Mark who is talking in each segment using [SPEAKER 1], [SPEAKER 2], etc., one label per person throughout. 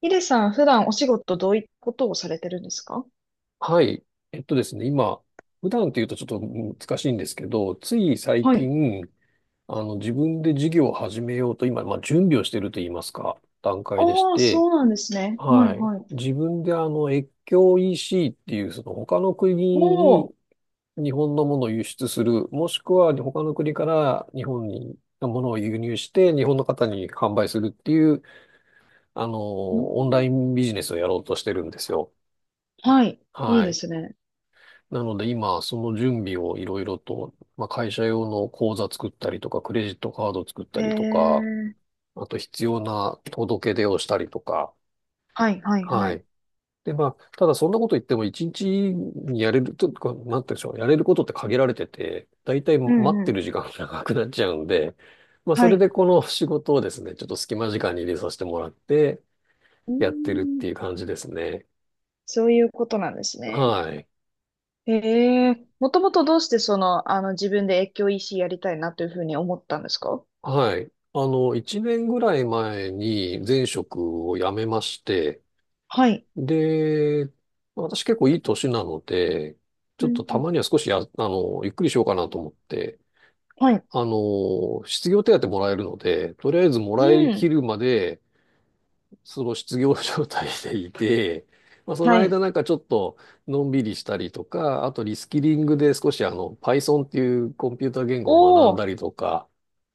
[SPEAKER 1] ヒデさん、普段お仕事どういったことをされてるんですか？
[SPEAKER 2] はい。えっとですね、今、普段というとちょっと難しいんですけど、つい最
[SPEAKER 1] はい。
[SPEAKER 2] 近、自分で事業を始めようと、今、まあ、準備をしていると言いますか、段階でし
[SPEAKER 1] ああ、
[SPEAKER 2] て、
[SPEAKER 1] そうなんですね。はい、
[SPEAKER 2] はい。
[SPEAKER 1] はい。
[SPEAKER 2] 自分で越境 EC っていう、その他の
[SPEAKER 1] お
[SPEAKER 2] 国
[SPEAKER 1] おー。
[SPEAKER 2] に日本のものを輸出する、もしくは他の国から日本にものを輸入して、日本の方に販売するっていう、あの、
[SPEAKER 1] うん。
[SPEAKER 2] オンラインビジネスをやろうとしてるんですよ。
[SPEAKER 1] はい。いい
[SPEAKER 2] は
[SPEAKER 1] で
[SPEAKER 2] い。
[SPEAKER 1] すね。
[SPEAKER 2] なので今、その準備をいろいろと、まあ、会社用の口座作ったりとか、クレジットカード作った
[SPEAKER 1] へ
[SPEAKER 2] りとか、
[SPEAKER 1] え。
[SPEAKER 2] あと必要な届け出をしたりとか、
[SPEAKER 1] はい、はい、は
[SPEAKER 2] は
[SPEAKER 1] い。
[SPEAKER 2] い。で、まあ、ただそんなこと言っても一日にやれる、とか、なんて言うんでしょう、やれることって限られてて、だいたい
[SPEAKER 1] う
[SPEAKER 2] 待っ
[SPEAKER 1] ん、う
[SPEAKER 2] て
[SPEAKER 1] ん。
[SPEAKER 2] る時間が長くなっちゃうんで、まあ、そ
[SPEAKER 1] は
[SPEAKER 2] れ
[SPEAKER 1] い。
[SPEAKER 2] でこの仕事をですね、ちょっと隙間時間に入れさせてもらって、
[SPEAKER 1] うー
[SPEAKER 2] やってるっ
[SPEAKER 1] ん。
[SPEAKER 2] ていう感じですね。
[SPEAKER 1] そういうことなんですね。
[SPEAKER 2] はい。
[SPEAKER 1] へえ。もともとどうしてその、あの、自分で越境 EC やりたいなというふうに思ったんですか？
[SPEAKER 2] はい。一年ぐらい前に前職を辞めまして、
[SPEAKER 1] はい。
[SPEAKER 2] で、私結構いい年なので、ち
[SPEAKER 1] う
[SPEAKER 2] ょ
[SPEAKER 1] ん
[SPEAKER 2] っ
[SPEAKER 1] う
[SPEAKER 2] とた
[SPEAKER 1] ん。
[SPEAKER 2] まには少しや、あの、ゆっくりしようかなと思って、
[SPEAKER 1] はい。
[SPEAKER 2] 失業手当もらえるので、とりあえずも
[SPEAKER 1] う
[SPEAKER 2] らい
[SPEAKER 1] ん。
[SPEAKER 2] きるまで、その失業状態でいて、まあ、その
[SPEAKER 1] はい。
[SPEAKER 2] 間なんかちょっとのんびりしたりとか、あとリスキリングで少しPython っていうコンピューター言語を学
[SPEAKER 1] お
[SPEAKER 2] ん
[SPEAKER 1] お。
[SPEAKER 2] だりとか、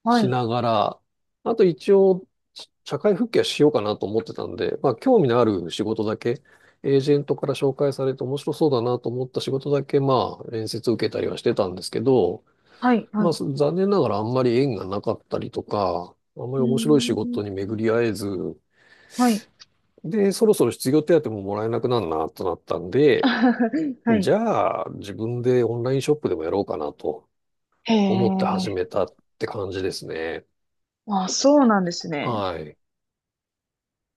[SPEAKER 1] は
[SPEAKER 2] し
[SPEAKER 1] い。
[SPEAKER 2] ながら、あと一応、社会復帰はしようかなと思ってたんで、まあ、興味のある仕事だけ、エージェントから紹介されて面白そうだなと思った仕事だけ、まあ、面接受けたりはしてたんですけど、
[SPEAKER 1] はい。は
[SPEAKER 2] まあ、
[SPEAKER 1] い。
[SPEAKER 2] す残念ながらあんまり縁がなかったりとか、あんま
[SPEAKER 1] う
[SPEAKER 2] り面白い仕
[SPEAKER 1] ー
[SPEAKER 2] 事
[SPEAKER 1] ん。
[SPEAKER 2] に巡り合えず、
[SPEAKER 1] はい。
[SPEAKER 2] で、そろそろ失業手当ももらえなくなるなとなったん で、
[SPEAKER 1] は
[SPEAKER 2] じ
[SPEAKER 1] い。
[SPEAKER 2] ゃあ、自分でオンラインショップでもやろうかなと
[SPEAKER 1] へ
[SPEAKER 2] 思って始
[SPEAKER 1] え。
[SPEAKER 2] めたって感じですね。
[SPEAKER 1] あ、そうなんですね。
[SPEAKER 2] はい。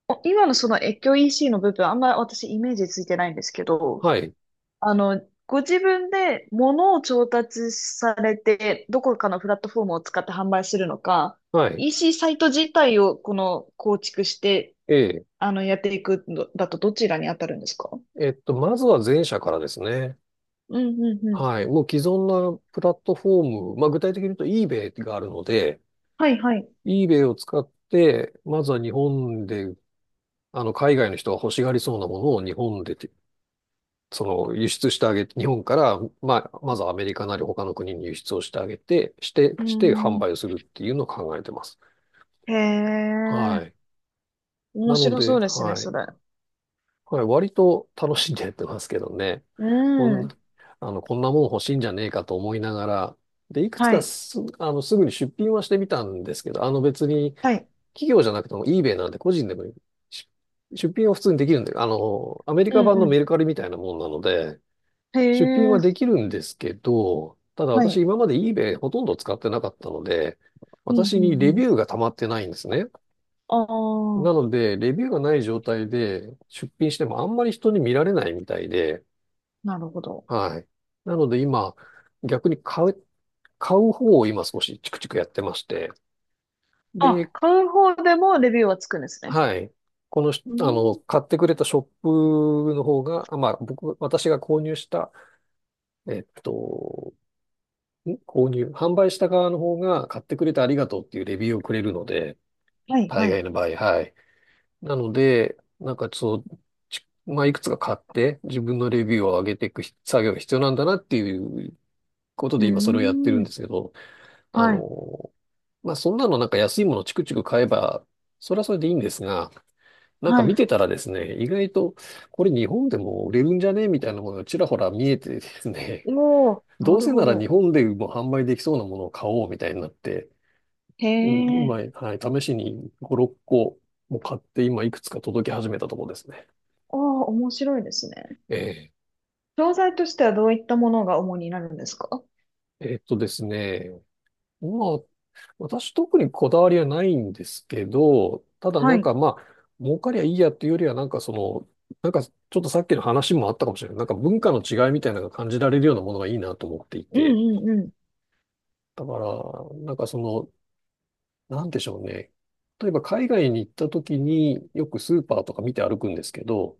[SPEAKER 1] 今のその越境 EC の部分、あんまり私イメージついてないんですけど、
[SPEAKER 2] はい。
[SPEAKER 1] あの、ご自分で物を調達されて、どこかのプラットフォームを使って販売するのか、
[SPEAKER 2] はい。
[SPEAKER 1] EC サイト自体をこの構築して、
[SPEAKER 2] ええ。
[SPEAKER 1] あの、やっていくのだとどちらに当たるんですか？
[SPEAKER 2] えっと、まずは前者からですね。
[SPEAKER 1] うんうんうん。
[SPEAKER 2] はい。もう既存なプラットフォーム、まあ具体的に言うと eBay があるので、
[SPEAKER 1] はいはい。
[SPEAKER 2] eBay を使って、まずは日本で、あの、海外の人が欲しがりそうなものを日本でて、その、輸出してあげて、日本から、まあ、まずはアメリカなり他の国に輸出をしてあげて、
[SPEAKER 1] うー
[SPEAKER 2] して販売を
[SPEAKER 1] ん。
[SPEAKER 2] するっていうのを考えてます。
[SPEAKER 1] へ
[SPEAKER 2] はい。
[SPEAKER 1] え。面
[SPEAKER 2] なの
[SPEAKER 1] 白そ
[SPEAKER 2] で、
[SPEAKER 1] うですね、
[SPEAKER 2] は
[SPEAKER 1] そ
[SPEAKER 2] い。
[SPEAKER 1] れ。
[SPEAKER 2] はい、割と楽しんでやってますけどね。
[SPEAKER 1] う
[SPEAKER 2] こん、
[SPEAKER 1] ん。
[SPEAKER 2] こんなもん欲しいんじゃねえかと思いながら、で、いくつ
[SPEAKER 1] は
[SPEAKER 2] か
[SPEAKER 1] い。
[SPEAKER 2] す、あの、すぐに出品はしてみたんですけど、あの別に
[SPEAKER 1] はい。
[SPEAKER 2] 企業じゃなくても eBay なんで個人でもし出品は普通にできるんで、あの、アメリ
[SPEAKER 1] う
[SPEAKER 2] カ
[SPEAKER 1] ん
[SPEAKER 2] 版の
[SPEAKER 1] う
[SPEAKER 2] メルカリみたいなもんなので、
[SPEAKER 1] ん。へ
[SPEAKER 2] 出品はで
[SPEAKER 1] え。
[SPEAKER 2] きるんですけど、ただ
[SPEAKER 1] はい。
[SPEAKER 2] 私今まで eBay ほとんど使ってなかったので、
[SPEAKER 1] うん、う
[SPEAKER 2] 私にレ
[SPEAKER 1] ん、う
[SPEAKER 2] ビ
[SPEAKER 1] ん。
[SPEAKER 2] ューが溜まってないんですね。
[SPEAKER 1] あ
[SPEAKER 2] な
[SPEAKER 1] あ、
[SPEAKER 2] ので、レビューがない状態で出品してもあんまり人に見られないみたいで、
[SPEAKER 1] なるほど。
[SPEAKER 2] はい。なので今、逆に買う、買う方を今少しチクチクやってまして、
[SPEAKER 1] あ、
[SPEAKER 2] で、
[SPEAKER 1] 買う方でもレビューはつくんですね？
[SPEAKER 2] はい。このし、
[SPEAKER 1] う
[SPEAKER 2] あの、
[SPEAKER 1] ん。
[SPEAKER 2] 買ってくれたショップの方が、まあ、私が購入した、えっと、ん購入、販売した側の方が買ってくれてありがとうっていうレビューをくれるので、
[SPEAKER 1] はい、
[SPEAKER 2] 大
[SPEAKER 1] はい。
[SPEAKER 2] 概の場合、はい。なので、なんかそう、まあ、いくつか買って自分のレビューを上げていく作業が必要なんだなっていうこと
[SPEAKER 1] う
[SPEAKER 2] で今それをやってる
[SPEAKER 1] ー
[SPEAKER 2] ん
[SPEAKER 1] ん。
[SPEAKER 2] ですけど、あ
[SPEAKER 1] はい。
[SPEAKER 2] の、まあ、そんなのなんか安いものチクチク買えば、それはそれでいいんですが、なんか
[SPEAKER 1] は
[SPEAKER 2] 見
[SPEAKER 1] い。
[SPEAKER 2] てたらですね、意外とこれ日本でも売れるんじゃねみたいなものがちらほら見えてですね、
[SPEAKER 1] おー、
[SPEAKER 2] ど
[SPEAKER 1] な
[SPEAKER 2] う
[SPEAKER 1] る
[SPEAKER 2] せ
[SPEAKER 1] ほ
[SPEAKER 2] なら
[SPEAKER 1] ど。
[SPEAKER 2] 日本でも販売できそうなものを買おうみたいになって、
[SPEAKER 1] へ
[SPEAKER 2] うん今、
[SPEAKER 1] え。
[SPEAKER 2] はい、試しに5、6個も買って今いくつか届き始めたところですね。
[SPEAKER 1] ああ、面白いですね。
[SPEAKER 2] ええ、
[SPEAKER 1] 商材としてはどういったものが主になるんですか？
[SPEAKER 2] えっとですね。まあ、私特にこだわりはないんですけど、ただ
[SPEAKER 1] は
[SPEAKER 2] なん
[SPEAKER 1] い。
[SPEAKER 2] かまあ、儲かりゃいいやっていうよりはなんかその、なんかちょっとさっきの話もあったかもしれない。なんか文化の違いみたいなのが感じられるようなものがいいなと思ってい
[SPEAKER 1] うん、
[SPEAKER 2] て。
[SPEAKER 1] うん、うん。
[SPEAKER 2] だから、なんかその、なんでしょうね。例えば海外に行った時によくスーパーとか見て歩くんですけど、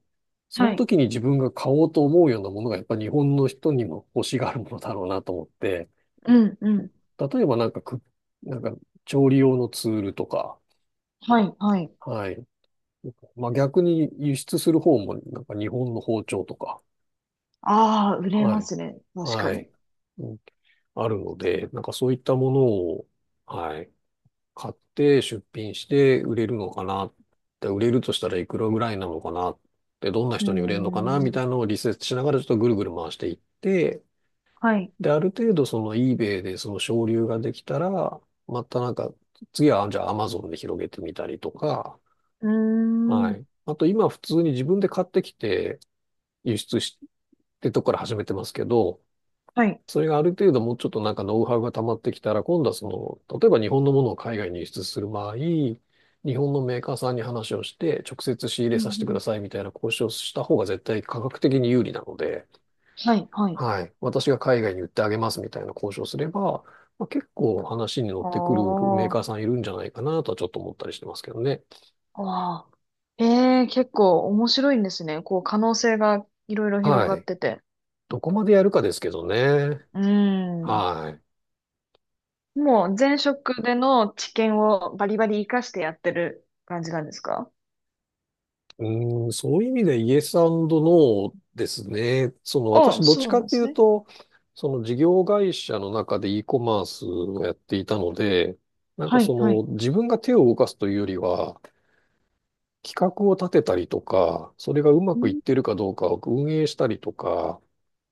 [SPEAKER 2] その
[SPEAKER 1] はい。
[SPEAKER 2] 時に自分が買おうと思うようなものがやっぱ日本の人にも欲しがるものだろうなと思って、
[SPEAKER 1] うん、うん。
[SPEAKER 2] 例えばなんかく、なんか調理用のツールとか、
[SPEAKER 1] はい、はい。
[SPEAKER 2] はい。まあ逆に輸出する方もなんか日本の包丁とか、
[SPEAKER 1] ああ、売れ
[SPEAKER 2] は
[SPEAKER 1] ま
[SPEAKER 2] い。
[SPEAKER 1] すね。確か
[SPEAKER 2] は
[SPEAKER 1] に。
[SPEAKER 2] い。うんあるので、なんかそういったものを、はい。買って出品して売れるのかな。で、売れるとしたらいくらぐらいなのかな。で、どんな
[SPEAKER 1] う
[SPEAKER 2] 人に売れるのかな
[SPEAKER 1] ー
[SPEAKER 2] み
[SPEAKER 1] ん。
[SPEAKER 2] たいなのをリセーチしながらちょっとぐるぐる回していって、
[SPEAKER 1] はい。
[SPEAKER 2] で、ある程度その eBay でその省流ができたら、またなんか、次はじゃあ Amazon で広げてみたりとか、
[SPEAKER 1] うー
[SPEAKER 2] は
[SPEAKER 1] ん。
[SPEAKER 2] い。あと今普通に自分で買ってきて輸出してとこから始めてますけど、
[SPEAKER 1] はい。
[SPEAKER 2] それがある程度もうちょっとなんかノウハウが溜まってきたら、今度はその、例えば日本のものを海外に輸出する場合、日本のメーカーさんに話をして、直接仕入
[SPEAKER 1] う
[SPEAKER 2] れ
[SPEAKER 1] ん、
[SPEAKER 2] させて
[SPEAKER 1] う
[SPEAKER 2] くだ
[SPEAKER 1] ん。
[SPEAKER 2] さいみたいな交渉をした方が絶対価格的に有利なので、
[SPEAKER 1] はい、はい。
[SPEAKER 2] はい。私が海外に売ってあげますみたいな交渉すれば、まあ、結構話に乗っ
[SPEAKER 1] あ
[SPEAKER 2] てくるメー
[SPEAKER 1] あ、
[SPEAKER 2] カーさんいるんじゃないかなとはちょっと思ったりしてますけどね。
[SPEAKER 1] ああ。ええ、結構面白いんですね。こう、可能性がいろいろ広
[SPEAKER 2] は
[SPEAKER 1] がっ
[SPEAKER 2] い。
[SPEAKER 1] てて。
[SPEAKER 2] どこまでやるかですけどね。
[SPEAKER 1] うん。
[SPEAKER 2] はい。
[SPEAKER 1] もう前職での知見をバリバリ活かしてやってる感じなんですか？
[SPEAKER 2] うーん、そういう意味でイエスノーですね。
[SPEAKER 1] あ
[SPEAKER 2] 私どっち
[SPEAKER 1] そう
[SPEAKER 2] か
[SPEAKER 1] なん
[SPEAKER 2] っ
[SPEAKER 1] で
[SPEAKER 2] てい
[SPEAKER 1] す
[SPEAKER 2] う
[SPEAKER 1] ね。
[SPEAKER 2] と、その事業会社の中で e コマースをやっていたので、なんか
[SPEAKER 1] は
[SPEAKER 2] そ
[SPEAKER 1] い、はい。
[SPEAKER 2] の自分が手を動かすというよりは、企画を立てたりとか、それがうま
[SPEAKER 1] う
[SPEAKER 2] くいっ
[SPEAKER 1] ん、
[SPEAKER 2] てるかどうかを運営したりとか、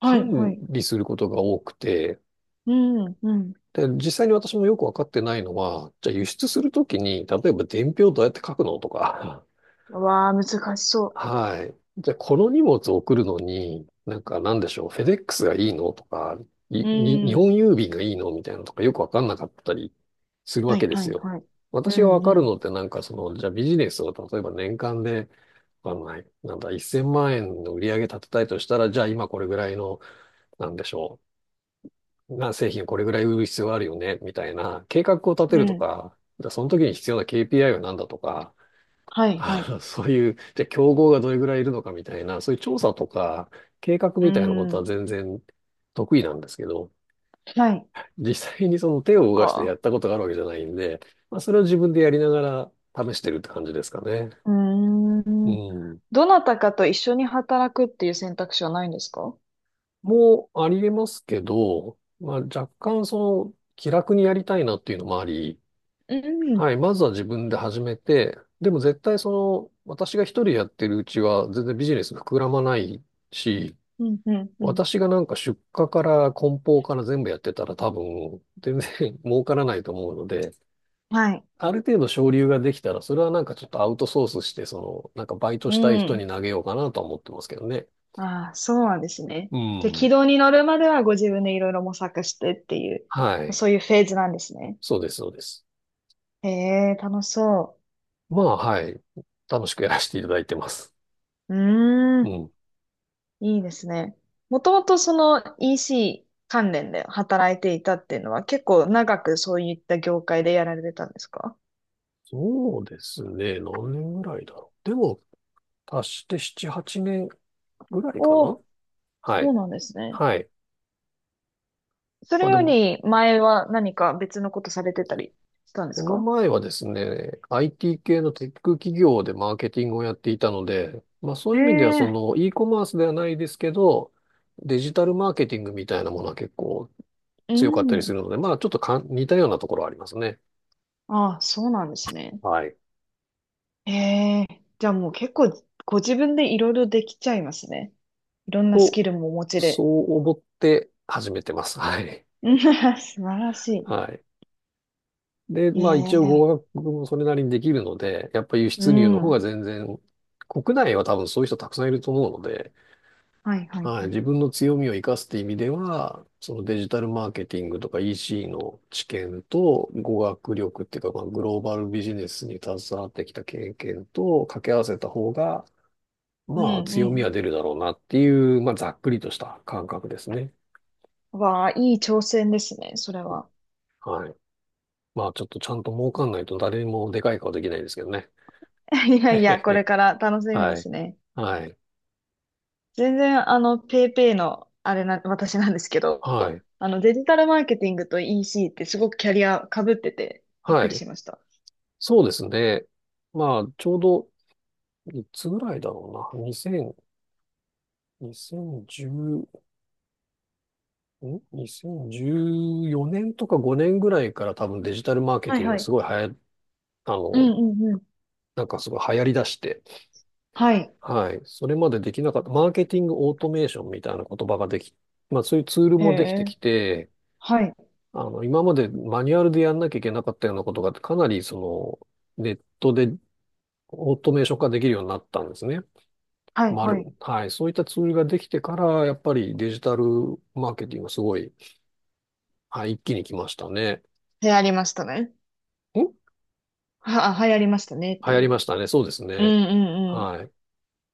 [SPEAKER 1] はい、は
[SPEAKER 2] 管
[SPEAKER 1] い。
[SPEAKER 2] 理することが多くて、
[SPEAKER 1] うん、うん。
[SPEAKER 2] で、実際に私もよくわかってないのは、じゃあ輸出するときに、例えば伝票どうやって書くのとか、
[SPEAKER 1] うわあ、難しそ
[SPEAKER 2] はい。じゃあ、この荷物を送るのに、なんかなんでしょう、フェデックスがいいのとか、
[SPEAKER 1] う。う
[SPEAKER 2] 日本
[SPEAKER 1] ん。
[SPEAKER 2] 郵便がいいのみたいなのとかよくわかんなかったりするわ
[SPEAKER 1] はい、
[SPEAKER 2] けで
[SPEAKER 1] は
[SPEAKER 2] す
[SPEAKER 1] い、
[SPEAKER 2] よ。
[SPEAKER 1] はい。うん、
[SPEAKER 2] 私がわか
[SPEAKER 1] う
[SPEAKER 2] る
[SPEAKER 1] ん。
[SPEAKER 2] のってじゃあビジネスを例えば年間で、わかんない、なんだ、1000万円の売り上げ立てたいとしたら、じゃあ今これぐらいの、なんでしょう、な製品をこれぐらい売る必要があるよね、みたいな計画を立て
[SPEAKER 1] う
[SPEAKER 2] ると
[SPEAKER 1] ん。
[SPEAKER 2] か、じゃあその時に必要な KPI は何だとか、
[SPEAKER 1] は い、はい。
[SPEAKER 2] そういう、じゃあ競合がどれぐらいいるのかみたいな、そういう調査とか計画
[SPEAKER 1] う
[SPEAKER 2] みたいなことは
[SPEAKER 1] ん。
[SPEAKER 2] 全然得意なんですけど、
[SPEAKER 1] はい。
[SPEAKER 2] 実際にその手を
[SPEAKER 1] そっ
[SPEAKER 2] 動かしてやっ
[SPEAKER 1] か。
[SPEAKER 2] たことがあるわけじゃないんで、まあ、それを自分でやりながら試してるって感じですかね。
[SPEAKER 1] うー
[SPEAKER 2] う
[SPEAKER 1] ん。
[SPEAKER 2] ん。
[SPEAKER 1] どなたかと一緒に働くっていう選択肢はないんですか？
[SPEAKER 2] もうありえますけど、まあ、若干気楽にやりたいなっていうのもあり、
[SPEAKER 1] う
[SPEAKER 2] は
[SPEAKER 1] ん、
[SPEAKER 2] い、まずは自分で始めて、でも絶対私が一人やってるうちは全然ビジネス膨らまないし、
[SPEAKER 1] うん、うん、うん。
[SPEAKER 2] 私がなんか出荷から梱包から全部やってたら多分全然 儲からないと思うので、
[SPEAKER 1] はい。
[SPEAKER 2] ある程度省流ができたら、それはなんかちょっとアウトソースして、なんかバイト
[SPEAKER 1] う
[SPEAKER 2] したい人に
[SPEAKER 1] ん。
[SPEAKER 2] 投げようかなとは思ってますけどね。
[SPEAKER 1] ああ、そうなんですね。
[SPEAKER 2] う
[SPEAKER 1] で、軌
[SPEAKER 2] ん。
[SPEAKER 1] 道に乗るまではご自分でいろいろ模索してっていう、
[SPEAKER 2] はい。
[SPEAKER 1] そういうフェーズなんですね。
[SPEAKER 2] そうです、そうです。
[SPEAKER 1] へえ、楽しそ
[SPEAKER 2] まあ、はい。楽しくやらせていただいてます。
[SPEAKER 1] う。うー
[SPEAKER 2] う
[SPEAKER 1] ん、
[SPEAKER 2] ん。
[SPEAKER 1] いいですね。もともとその EC 関連で働いていたっていうのは結構長くそういった業界でやられてたんですか？
[SPEAKER 2] そうですね。何年ぐらいだろう。でも、足して7、8年ぐらいか
[SPEAKER 1] お
[SPEAKER 2] な。
[SPEAKER 1] おー、
[SPEAKER 2] は
[SPEAKER 1] そう
[SPEAKER 2] い。
[SPEAKER 1] なんですね。
[SPEAKER 2] はい。
[SPEAKER 1] そ
[SPEAKER 2] ま
[SPEAKER 1] れ
[SPEAKER 2] あで
[SPEAKER 1] よ
[SPEAKER 2] も、
[SPEAKER 1] り前は何か別のことされてたりしたんで
[SPEAKER 2] こ
[SPEAKER 1] す
[SPEAKER 2] の
[SPEAKER 1] か？
[SPEAKER 2] 前はですね、IT 系のテック企業でマーケティングをやっていたので、まあそういう意味ではそ
[SPEAKER 1] え
[SPEAKER 2] の
[SPEAKER 1] え
[SPEAKER 2] e コマースではないですけど、デジタルマーケティングみたいなものは結構
[SPEAKER 1] う
[SPEAKER 2] 強かったりす
[SPEAKER 1] ん。
[SPEAKER 2] るので、まあちょっと似たようなところはありますね。
[SPEAKER 1] ああ、そうなんですね。
[SPEAKER 2] はい。
[SPEAKER 1] ええ、じゃあもう結構ご自分でいろいろできちゃいますね。いろんなス
[SPEAKER 2] と、
[SPEAKER 1] キルもお持ち
[SPEAKER 2] そ
[SPEAKER 1] で。
[SPEAKER 2] う思って始めてます。はい。
[SPEAKER 1] うん 素晴らし
[SPEAKER 2] はい。で、まあ一応語
[SPEAKER 1] い。ええ
[SPEAKER 2] 学もそれなりにできるので、やっぱ輸
[SPEAKER 1] う
[SPEAKER 2] 出入の方
[SPEAKER 1] ん。
[SPEAKER 2] が全然、国内は多分そういう人たくさんいると思うので、
[SPEAKER 1] はいはい
[SPEAKER 2] はい、
[SPEAKER 1] はい。
[SPEAKER 2] 自分の強みを生かすって意味では、そのデジタルマーケティングとか EC の知見と語学力っていうか、まあ、グローバルビジネスに携わってきた経験と掛け合わせた方が、
[SPEAKER 1] うん
[SPEAKER 2] まあ強
[SPEAKER 1] う
[SPEAKER 2] み
[SPEAKER 1] ん。
[SPEAKER 2] は出るだろうなっていう、まあざっくりとした感覚ですね。
[SPEAKER 1] わあ、いい挑戦ですね、それは。
[SPEAKER 2] はい。まあちょっとちゃんと儲かんないと誰にもでかい顔できないですけどね。
[SPEAKER 1] い や
[SPEAKER 2] へ
[SPEAKER 1] い
[SPEAKER 2] へ
[SPEAKER 1] や、これ
[SPEAKER 2] へ。
[SPEAKER 1] から楽しみで
[SPEAKER 2] はい。
[SPEAKER 1] すね。
[SPEAKER 2] はい。
[SPEAKER 1] 全然、あの、ペイペイの、あれな、私なんですけど、
[SPEAKER 2] はい。
[SPEAKER 1] デジタルマーケティングと EC ってすごくキャリア被ってて、びっ
[SPEAKER 2] は
[SPEAKER 1] くり
[SPEAKER 2] い。
[SPEAKER 1] しました。
[SPEAKER 2] そうですね。まあちょうどいつぐらいだろうな。2 0 1ん ?2014 年とか5年ぐらいから多分デジタルマーケ
[SPEAKER 1] は
[SPEAKER 2] テ
[SPEAKER 1] い
[SPEAKER 2] ィング
[SPEAKER 1] は
[SPEAKER 2] がす
[SPEAKER 1] い。
[SPEAKER 2] ごい流行、あ
[SPEAKER 1] うん
[SPEAKER 2] の、
[SPEAKER 1] うんうん。
[SPEAKER 2] なんかすごい流行り出して、
[SPEAKER 1] はい。
[SPEAKER 2] はい。それまでできなかった、マーケティングオートメーションみたいな言葉ができ、まあそういうツール
[SPEAKER 1] へ
[SPEAKER 2] もできてき
[SPEAKER 1] え。
[SPEAKER 2] て、
[SPEAKER 1] はい。
[SPEAKER 2] 今までマニュアルでやんなきゃいけなかったようなことが、かなりネットでオートメーション化できるようになったんですね。
[SPEAKER 1] はい、
[SPEAKER 2] ま
[SPEAKER 1] は
[SPEAKER 2] る。
[SPEAKER 1] い。
[SPEAKER 2] はい。そういったツールができてから、やっぱりデジタルマーケティングがすごい、はい、一気に来ましたね。
[SPEAKER 1] 流行りましたね。
[SPEAKER 2] ん
[SPEAKER 1] 流行りましたねっ
[SPEAKER 2] 流
[SPEAKER 1] て
[SPEAKER 2] 行り
[SPEAKER 1] いう。
[SPEAKER 2] ましたね。そうです
[SPEAKER 1] うん
[SPEAKER 2] ね。
[SPEAKER 1] うん
[SPEAKER 2] は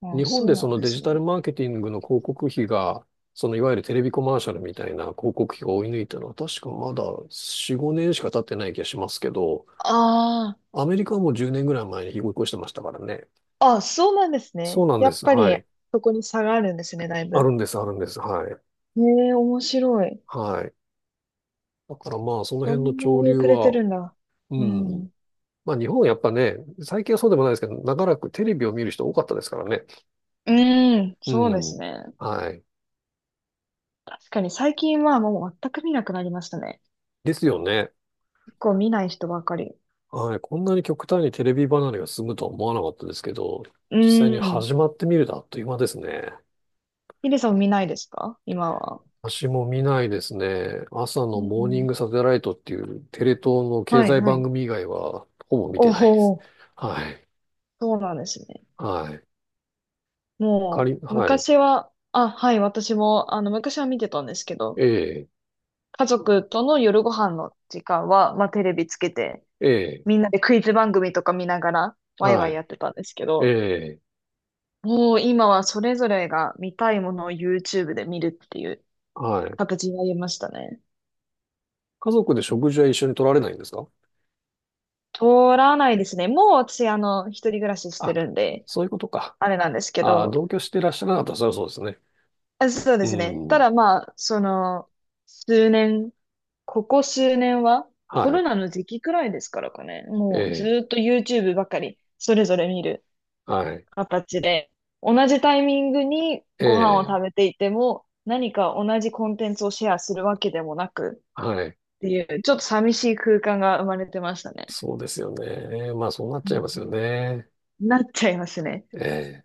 [SPEAKER 1] う
[SPEAKER 2] い。
[SPEAKER 1] ん。
[SPEAKER 2] 日
[SPEAKER 1] あ、
[SPEAKER 2] 本
[SPEAKER 1] そ
[SPEAKER 2] で
[SPEAKER 1] うな
[SPEAKER 2] そ
[SPEAKER 1] ん
[SPEAKER 2] の
[SPEAKER 1] で
[SPEAKER 2] デジ
[SPEAKER 1] す
[SPEAKER 2] タル
[SPEAKER 1] ね。
[SPEAKER 2] マーケティングの広告費が、そのいわゆるテレビコマーシャルみたいな広告費が追い抜いたのは確かまだ4、5年しか経ってない気がしますけど、
[SPEAKER 1] あ
[SPEAKER 2] アメリカはもう10年ぐらい前に追い越してましたからね。
[SPEAKER 1] あ。あ、そうなんです
[SPEAKER 2] そ
[SPEAKER 1] ね。
[SPEAKER 2] うなん
[SPEAKER 1] や
[SPEAKER 2] で
[SPEAKER 1] っ
[SPEAKER 2] す。
[SPEAKER 1] ぱ
[SPEAKER 2] は
[SPEAKER 1] り、
[SPEAKER 2] い。
[SPEAKER 1] そこに差があるんですね、だい
[SPEAKER 2] ある
[SPEAKER 1] ぶ。
[SPEAKER 2] んです、あるんです。はい。
[SPEAKER 1] へえ、面白い。
[SPEAKER 2] はい。だからまあ、その
[SPEAKER 1] そ
[SPEAKER 2] 辺の
[SPEAKER 1] んな
[SPEAKER 2] 潮
[SPEAKER 1] に
[SPEAKER 2] 流
[SPEAKER 1] 遅れて
[SPEAKER 2] は、
[SPEAKER 1] るんだ。
[SPEAKER 2] う
[SPEAKER 1] う
[SPEAKER 2] ん。
[SPEAKER 1] ん。
[SPEAKER 2] まあ、日本はやっぱね、最近はそうでもないですけど、長らくテレビを見る人多かったですからね。
[SPEAKER 1] うん、
[SPEAKER 2] う
[SPEAKER 1] そうです
[SPEAKER 2] ん。
[SPEAKER 1] ね。
[SPEAKER 2] はい。
[SPEAKER 1] 確かに最近はもう全く見なくなりましたね。
[SPEAKER 2] ですよね。
[SPEAKER 1] 結構見ない人ばかり。
[SPEAKER 2] はい、こんなに極端にテレビ離れが進むとは思わなかったですけど、
[SPEAKER 1] う
[SPEAKER 2] 実際に
[SPEAKER 1] ん。
[SPEAKER 2] 始まってみるとあっという間ですね。
[SPEAKER 1] ヒデさん見ないですか今は？
[SPEAKER 2] 私も見ないですね。朝
[SPEAKER 1] う
[SPEAKER 2] のモーニン
[SPEAKER 1] ん。
[SPEAKER 2] グサテライトっていうテレ東の経
[SPEAKER 1] はい、
[SPEAKER 2] 済
[SPEAKER 1] は
[SPEAKER 2] 番
[SPEAKER 1] い。
[SPEAKER 2] 組以外はほぼ見て
[SPEAKER 1] お
[SPEAKER 2] ないです。
[SPEAKER 1] お、
[SPEAKER 2] はい。
[SPEAKER 1] そうなんですね。
[SPEAKER 2] はい。か
[SPEAKER 1] も
[SPEAKER 2] り、
[SPEAKER 1] う、
[SPEAKER 2] はい。
[SPEAKER 1] 昔は、あ、はい、私も、あの、昔は見てたんですけど、
[SPEAKER 2] ええ、
[SPEAKER 1] 家族との夜ご飯の時間は、まあ、テレビつけて、
[SPEAKER 2] ええ、
[SPEAKER 1] みんなでクイズ番組とか見ながら、ワイ
[SPEAKER 2] は
[SPEAKER 1] ワイや
[SPEAKER 2] い。
[SPEAKER 1] ってたんですけ
[SPEAKER 2] え
[SPEAKER 1] ど、
[SPEAKER 2] え、
[SPEAKER 1] もう今はそれぞれが見たいものを YouTube で見るっていう
[SPEAKER 2] はい。
[SPEAKER 1] 形になりましたね。
[SPEAKER 2] 家族で食事は一緒に取られないんですか？
[SPEAKER 1] 取らないですね。もう私、一人暮らしして
[SPEAKER 2] あ、
[SPEAKER 1] るんで、
[SPEAKER 2] そういうことか。
[SPEAKER 1] あれなんですけ
[SPEAKER 2] あ、
[SPEAKER 1] ど、
[SPEAKER 2] 同居していらっしゃらなかったらそれはそうですね。
[SPEAKER 1] あそう
[SPEAKER 2] う
[SPEAKER 1] ですね。た
[SPEAKER 2] ん。
[SPEAKER 1] だまあ、その、数年、ここ数年は、コ
[SPEAKER 2] は
[SPEAKER 1] ロ
[SPEAKER 2] い。
[SPEAKER 1] ナの時期くらいですからかね。
[SPEAKER 2] え
[SPEAKER 1] もうず
[SPEAKER 2] え、
[SPEAKER 1] ーっと YouTube ばかり、それぞれ見る
[SPEAKER 2] はい。
[SPEAKER 1] 形で、同じタイミングにご飯を
[SPEAKER 2] ええ、
[SPEAKER 1] 食べていても、何か同じコンテンツをシェアするわけでもなく
[SPEAKER 2] はい。
[SPEAKER 1] っていう、ちょっと寂しい空間が生まれてましたね。
[SPEAKER 2] そうですよね。まあ、そうなっ
[SPEAKER 1] う
[SPEAKER 2] ちゃいます
[SPEAKER 1] ん
[SPEAKER 2] よね。
[SPEAKER 1] なっちゃいますね。
[SPEAKER 2] ええ